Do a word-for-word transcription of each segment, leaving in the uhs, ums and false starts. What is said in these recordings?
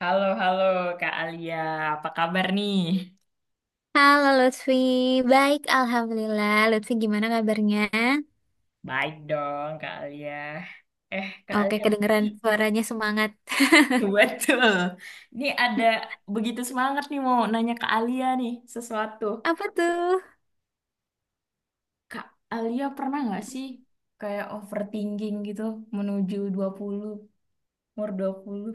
Halo, halo Kak Alia. Apa kabar nih? Halo Lutfi, baik Alhamdulillah. Lutfi gimana kabarnya? Baik dong Kak Alia. Eh Kak Oke, Alia, tapi kedengeran suaranya semangat. betul. Ini ada begitu semangat nih mau nanya Kak Alia nih sesuatu. Apa tuh? Kak Alia pernah nggak sih kayak overthinking gitu menuju dua puluh umur dua puluh?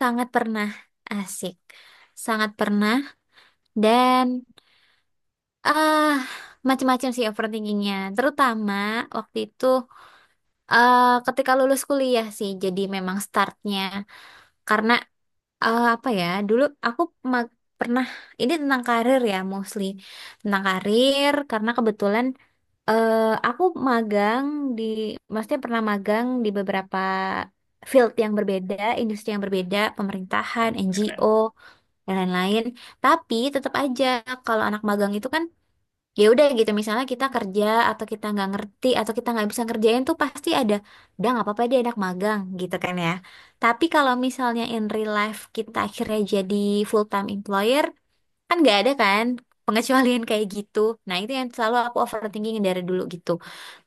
Sangat pernah, asik. Sangat pernah dan ah macam-macam sih overthinkingnya. Terutama waktu itu eh ketika lulus kuliah sih. Jadi memang startnya karena eh, apa ya? Dulu aku ma- pernah ini tentang karir ya mostly, tentang karir karena kebetulan Eh, aku magang di, maksudnya pernah magang di beberapa field yang berbeda, industri yang berbeda, pemerintahan, Keren, N G O, keren. dan lain-lain. Tapi tetap aja kalau anak magang itu kan, ya udah gitu. Misalnya kita kerja atau kita nggak ngerti atau kita nggak bisa ngerjain tuh pasti ada, udah nggak apa-apa dia anak magang gitu kan ya. Tapi kalau misalnya in real life kita akhirnya jadi full time employer, kan nggak ada kan pengecualian kayak gitu, nah itu yang selalu aku overthinking dari dulu gitu,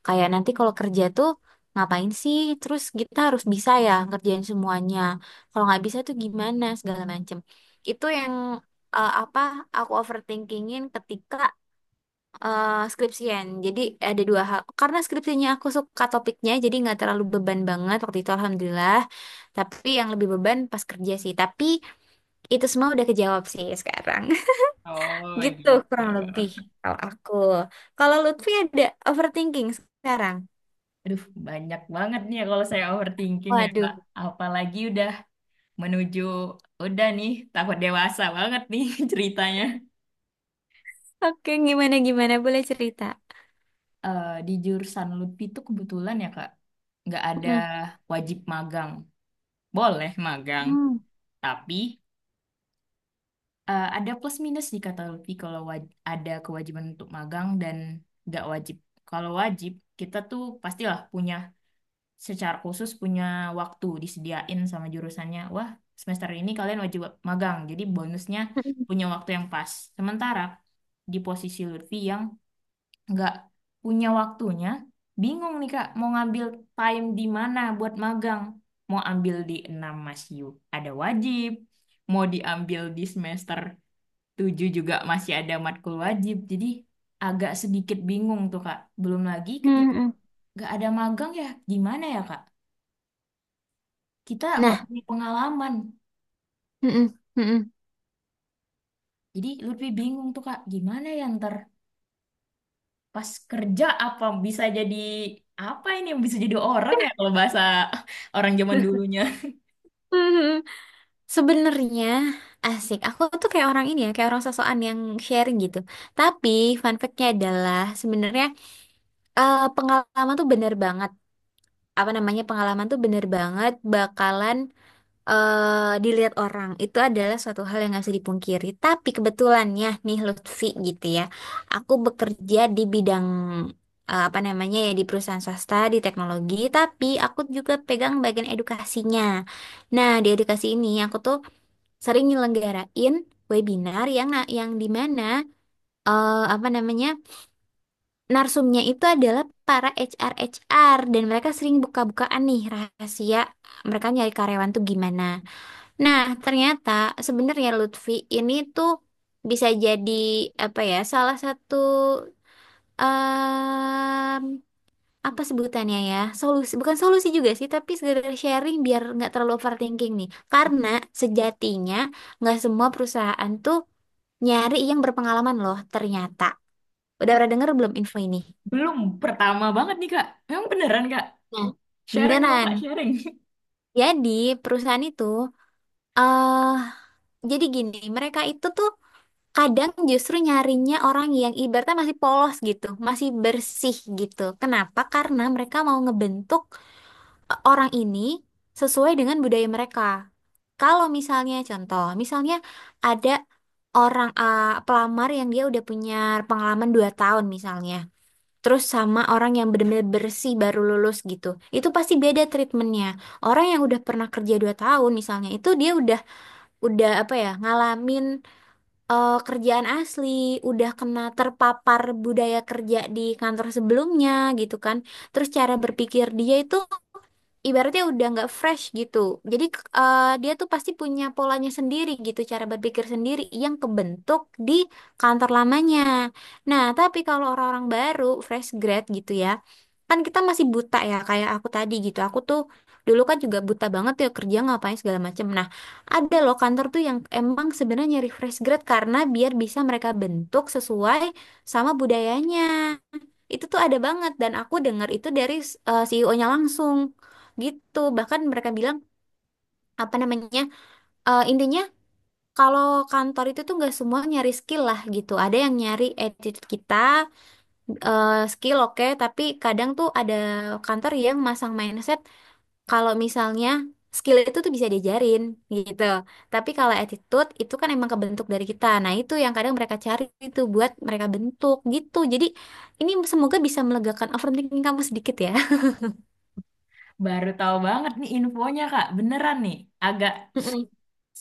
kayak nanti kalau kerja tuh ngapain sih, terus kita harus bisa ya ngerjain semuanya, kalau nggak bisa tuh gimana segala macem. Itu yang eh, apa aku overthinkingin ketika eh, skripsian. Jadi ada dua hal, karena skripsinya aku suka topiknya, jadi nggak terlalu beban banget waktu itu alhamdulillah, tapi yang lebih beban pas kerja sih. Tapi itu semua udah kejawab sih sekarang. Oh Gitu gitu. kurang lebih kalau aku. Kalau Lutfi ada overthinking sekarang? Aduh, banyak banget nih ya kalau saya overthinking ya Waduh. Kak. Apalagi udah menuju udah nih tahun dewasa banget nih ceritanya. Oke, gimana gimana boleh cerita. Eh, di jurusan lutfi itu kebetulan ya Kak, nggak ada Mm-mm. wajib magang. Boleh magang, Hmm. tapi eh, ada plus minus nih kata L U P I kalau waj- ada kewajiban untuk magang dan nggak wajib. Kalau wajib, kita tuh pastilah punya secara khusus punya waktu disediain sama jurusannya. Wah, semester ini kalian wajib magang. Jadi bonusnya punya waktu yang pas. Sementara di posisi Lutfi yang nggak punya waktunya, bingung nih Kak, mau ngambil time di mana buat magang. Mau ambil di enam masih ada wajib, mau diambil di semester tujuh juga masih ada matkul wajib. Jadi agak sedikit bingung tuh Kak. Belum lagi Mm-mm. ketika Mm-mm. nggak ada magang ya gimana ya Kak? Kita nggak Nah, punya pengalaman. mm-mm. Mm-mm. Jadi lebih bingung tuh Kak, gimana ya ntar pas kerja apa bisa jadi apa ini yang bisa jadi orang ya kalau bahasa orang zaman dulunya. Mhm. Sebenarnya asik. Aku tuh kayak orang ini ya, kayak orang sosokan yang sharing gitu. Tapi fun fact-nya adalah sebenarnya eh, pengalaman tuh bener banget. Apa namanya, pengalaman tuh bener banget bakalan eh, dilihat orang itu adalah suatu hal yang nggak bisa dipungkiri. Tapi kebetulannya nih Lutfi gitu ya, aku bekerja di bidang eh, apa namanya ya, di perusahaan swasta di teknologi, tapi aku juga pegang bagian edukasinya. Nah di edukasi ini aku tuh sering nyelenggarain webinar yang na- yang di mana eh, apa namanya narsumnya itu adalah para H R HR dan mereka sering buka-bukaan nih rahasia mereka nyari karyawan tuh gimana. Nah, ternyata sebenarnya Lutfi ini tuh bisa jadi apa ya, salah satu em, apa sebutannya ya, solusi, bukan solusi juga sih, tapi sekedar sharing biar nggak terlalu overthinking nih. Karena sejatinya nggak semua perusahaan tuh nyari yang berpengalaman loh. Ternyata, udah pernah denger belum info ini? Belum, pertama banget nih Kak. Emang beneran Kak? Nah, Sharing dong Kak, beneran. sharing. Jadi perusahaan itu, eh jadi gini, mereka itu tuh kadang justru nyarinya orang yang ibaratnya masih polos gitu, masih bersih gitu. Kenapa? Karena mereka mau ngebentuk eh, orang ini sesuai dengan budaya mereka. Kalau misalnya contoh, misalnya ada orang eh, pelamar yang dia udah punya pengalaman dua tahun misalnya. Terus sama orang yang benar-benar bersih baru lulus gitu. Itu pasti beda treatmentnya. Orang yang udah pernah kerja dua tahun misalnya, itu dia udah udah apa ya, ngalamin eh, kerjaan asli, udah kena terpapar budaya kerja di kantor sebelumnya gitu kan. Terus cara berpikir dia itu ibaratnya udah nggak fresh gitu. Jadi k- eh, dia tuh pasti punya polanya sendiri gitu, cara berpikir sendiri yang kebentuk di kantor lamanya. Nah, tapi kalau orang-orang baru, fresh grad gitu ya, kan kita masih buta ya, kayak aku tadi gitu. Aku tuh dulu kan juga buta banget ya kerja ngapain segala macem. Nah, ada loh kantor tuh yang emang sebenarnya nyari fresh grad karena biar bisa mereka bentuk sesuai sama budayanya. Itu tuh ada banget, dan aku dengar itu dari eh, C E O-nya langsung gitu. Bahkan mereka bilang apa namanya, eh, intinya kalau kantor itu tuh nggak semua nyari skill lah gitu, ada yang nyari attitude kita. Eh, skill oke, tapi kadang tuh ada kantor yang masang mindset kalau misalnya skill itu tuh bisa diajarin gitu, tapi kalau attitude itu kan emang kebentuk dari kita. Nah itu yang kadang mereka cari, itu buat mereka bentuk gitu. Jadi ini semoga bisa melegakan overthinking kamu sedikit ya. Baru tahu banget nih infonya Kak. Beneran nih. Agak Mm-mm.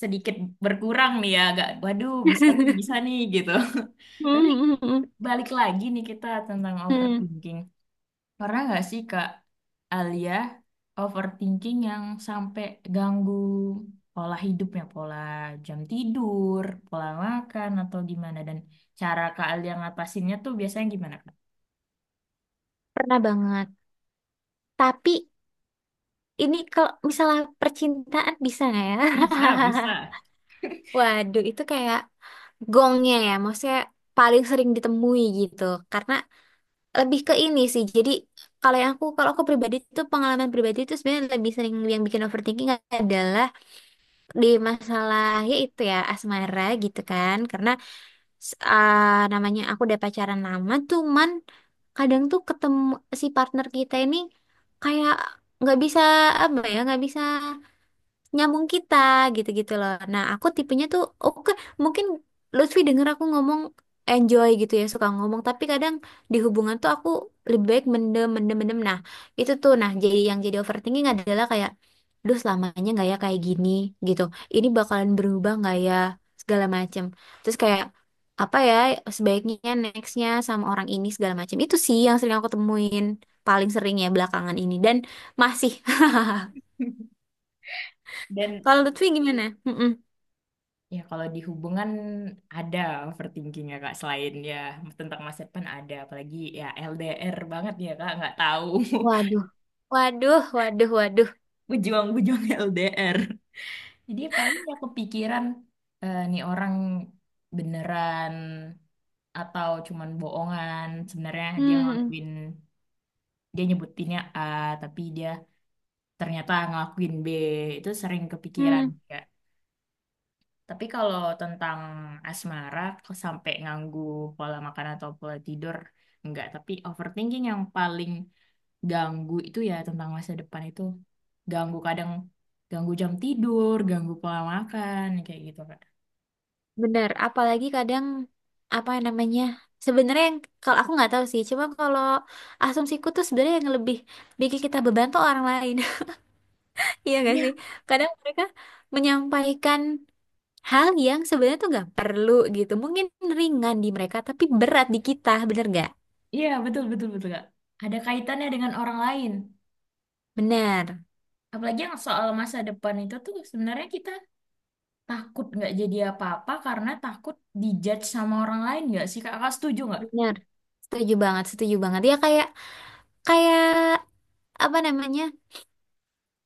sedikit berkurang nih ya. Agak, waduh bisa nih, bisa nih gitu. Tapi Mm-mm. balik lagi nih kita tentang Mm-mm. overthinking. Pernah nggak sih Kak Alia overthinking yang sampai ganggu pola hidupnya, pola jam tidur, pola makan atau gimana? Dan cara Kak Alia ngatasinnya tuh biasanya gimana? Pernah banget. Tapi ini kalau misalnya percintaan bisa nggak ya? Bisa, bisa. Waduh, itu kayak gongnya ya, maksudnya paling sering ditemui gitu. Karena lebih ke ini sih. Jadi kalau yang aku, kalau aku pribadi itu, pengalaman pribadi itu sebenarnya lebih sering yang bikin overthinking adalah di masalah ya itu ya asmara gitu kan. Karena s- ah, namanya aku udah pacaran lama, cuman kadang tuh ketemu si partner kita ini kayak nggak bisa apa ya, nggak bisa nyambung kita gitu-gitu loh. Nah, aku tipenya tuh oke, mungkin Lutfi denger aku ngomong enjoy gitu ya, suka ngomong, tapi kadang di hubungan tuh aku lebih baik mendem mendem mendem. Nah, itu tuh nah jadi yang jadi overthinking adalah kayak duh, selamanya nggak ya kayak gini gitu. Ini bakalan berubah nggak ya segala macem. Terus kayak apa ya, sebaiknya nextnya sama orang ini segala macem. Itu sih yang sering aku temuin paling sering ya belakangan ini, dan masih. Dan Kalau Lutfi gimana? Mm-mm. ya kalau di hubungan ada overthinking ya Kak, selain ya tentang masa depan ada, apalagi ya L D R banget ya Kak, nggak tahu Waduh, waduh, waduh, waduh. pejuang-pejuang L D R. Jadi ya paling ya kepikiran eh, nih orang beneran atau cuman bohongan, sebenarnya dia Hmm, hmm. ngelakuin dia nyebutinnya A tapi dia ternyata ngelakuin B, itu sering kepikiran. Hmm. Ya. Tapi kalau tentang asmara, kok sampai nganggu pola makan atau pola tidur, enggak. Tapi overthinking yang paling ganggu itu ya tentang masa depan itu ganggu, kadang ganggu jam tidur, ganggu pola makan, kayak gitu Kak. Benar. Apalagi kadang apa namanya? Sebenarnya yang kalau aku nggak tahu sih, cuma kalau asumsiku tuh sebenarnya yang lebih bikin kita beban tuh orang lain. Iya nggak sih? Iya, Kadang mereka menyampaikan hal yang sebenarnya tuh nggak perlu gitu. Mungkin ringan di mereka, tapi berat di kita, bener nggak? iya betul betul betul Kak. Ada kaitannya dengan orang lain. Bener, Apalagi yang soal masa depan itu tuh sebenarnya kita takut nggak jadi apa-apa karena takut dijudge sama orang lain nggak sih Kak? Kakak setuju nggak? bener. Setuju banget, setuju banget. Ya kayak kayak apa namanya?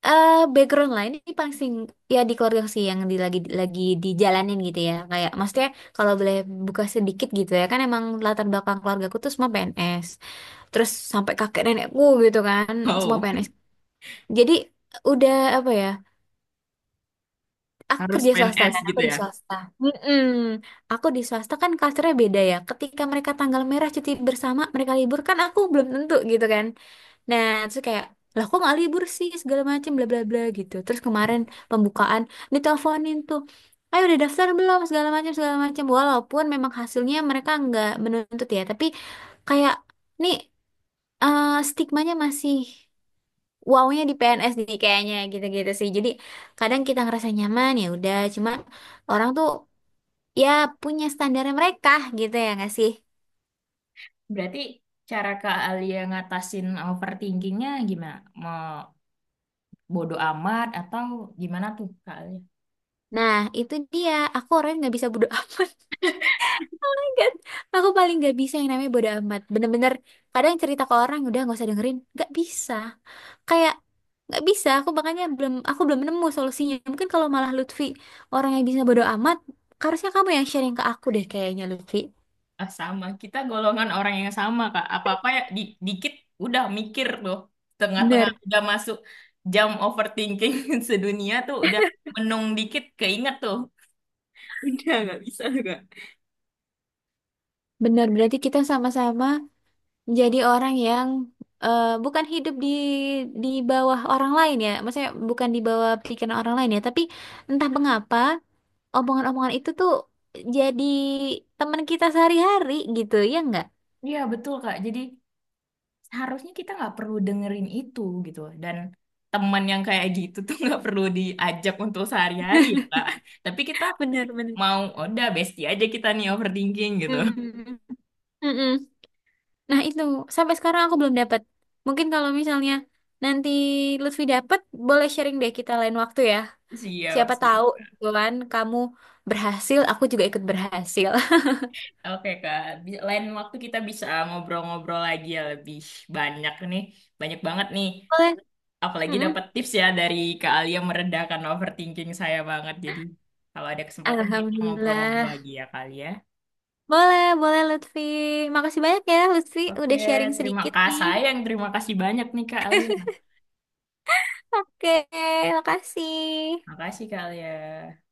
eh Background lain ini paling sing- ya di keluarga sih yang di, lagi lagi dijalanin gitu ya, kayak maksudnya kalau boleh buka sedikit gitu ya, kan emang latar belakang keluargaku tuh semua P N S, terus sampai kakek nenekku gitu kan, semua Oh, P N S. Jadi udah apa ya, aku harus kerja swasta P N S kan, aku gitu di ya. swasta. Mm-mm. Aku di swasta kan culture-nya beda ya, ketika mereka tanggal merah cuti bersama mereka libur kan, aku belum tentu gitu kan. Nah, terus kayak, lah kok nggak libur sih segala macam bla bla bla gitu. Terus kemarin pembukaan diteleponin tuh, ayo udah daftar belum segala macam segala macam. Walaupun memang hasilnya mereka nggak menuntut ya, tapi kayak nih eh, stigmanya masih wownya di P N S nih kayaknya gitu-gitu sih. Jadi kadang kita ngerasa nyaman ya udah, cuma orang tuh ya punya standarnya mereka gitu ya nggak sih? Berarti cara Kak Alia ngatasin overthinkingnya gimana? Mau bodo amat atau gimana tuh Kak Alia? Nah, itu dia. Aku orangnya nggak bisa bodo. Kan, aku paling gak bisa yang namanya bodo amat. Bener-bener kadang cerita ke orang udah nggak usah dengerin. Gak bisa. Kayak nggak bisa. Aku makanya belum, aku belum nemu solusinya. Mungkin kalau malah Lutfi orang yang bisa bodo amat, harusnya kamu yang sharing ke aku deh kayaknya Lutfi. Ah, sama, kita golongan orang yang sama Kak. Apa-apa ya di- dikit udah mikir tuh. Tengah-tengah Bener. udah masuk jam overthinking sedunia tuh udah menung dikit keinget tuh. Udah nggak bisa Kak. Bener berarti kita sama-sama menjadi orang yang eh, bukan hidup di di bawah orang lain ya. Maksudnya bukan di bawah pikiran orang lain ya, tapi entah mengapa omongan-omongan itu tuh jadi teman kita sehari-hari gitu ya nggak? Iya betul Kak. Jadi harusnya kita nggak perlu dengerin itu gitu. Dan teman yang kayak gitu tuh nggak perlu diajak untuk sehari-hari ya Kak. Tapi kita Bener, bener. mau, "Oh, udah bestie aja kita nih overthinking gitu." Hmm. Mm-mm. Nah itu sampai sekarang aku belum dapat. Mungkin kalau misalnya nanti Lutfi dapat, boleh sharing deh kita lain waktu ya. Siap, Siapa tahu siap. gitu kan kamu berhasil, aku juga ikut berhasil. Oke, Kak. Bi- Lain waktu kita bisa ngobrol-ngobrol lagi ya lebih banyak nih. Banyak banget nih. Boleh. Apalagi dapat Mm-mm. tips ya dari Kak Alia meredakan overthinking saya banget. Jadi kalau ada kesempatan kita ngobrol-ngobrol Alhamdulillah. lagi ya Kak Alia. Boleh, boleh Lutfi. Makasih banyak ya Lutfi Oke, udah sharing terima sedikit kasih. nih. Sayang, terima kasih banyak nih Kak Alia. Oke, makasih. Makasih Kak Alia.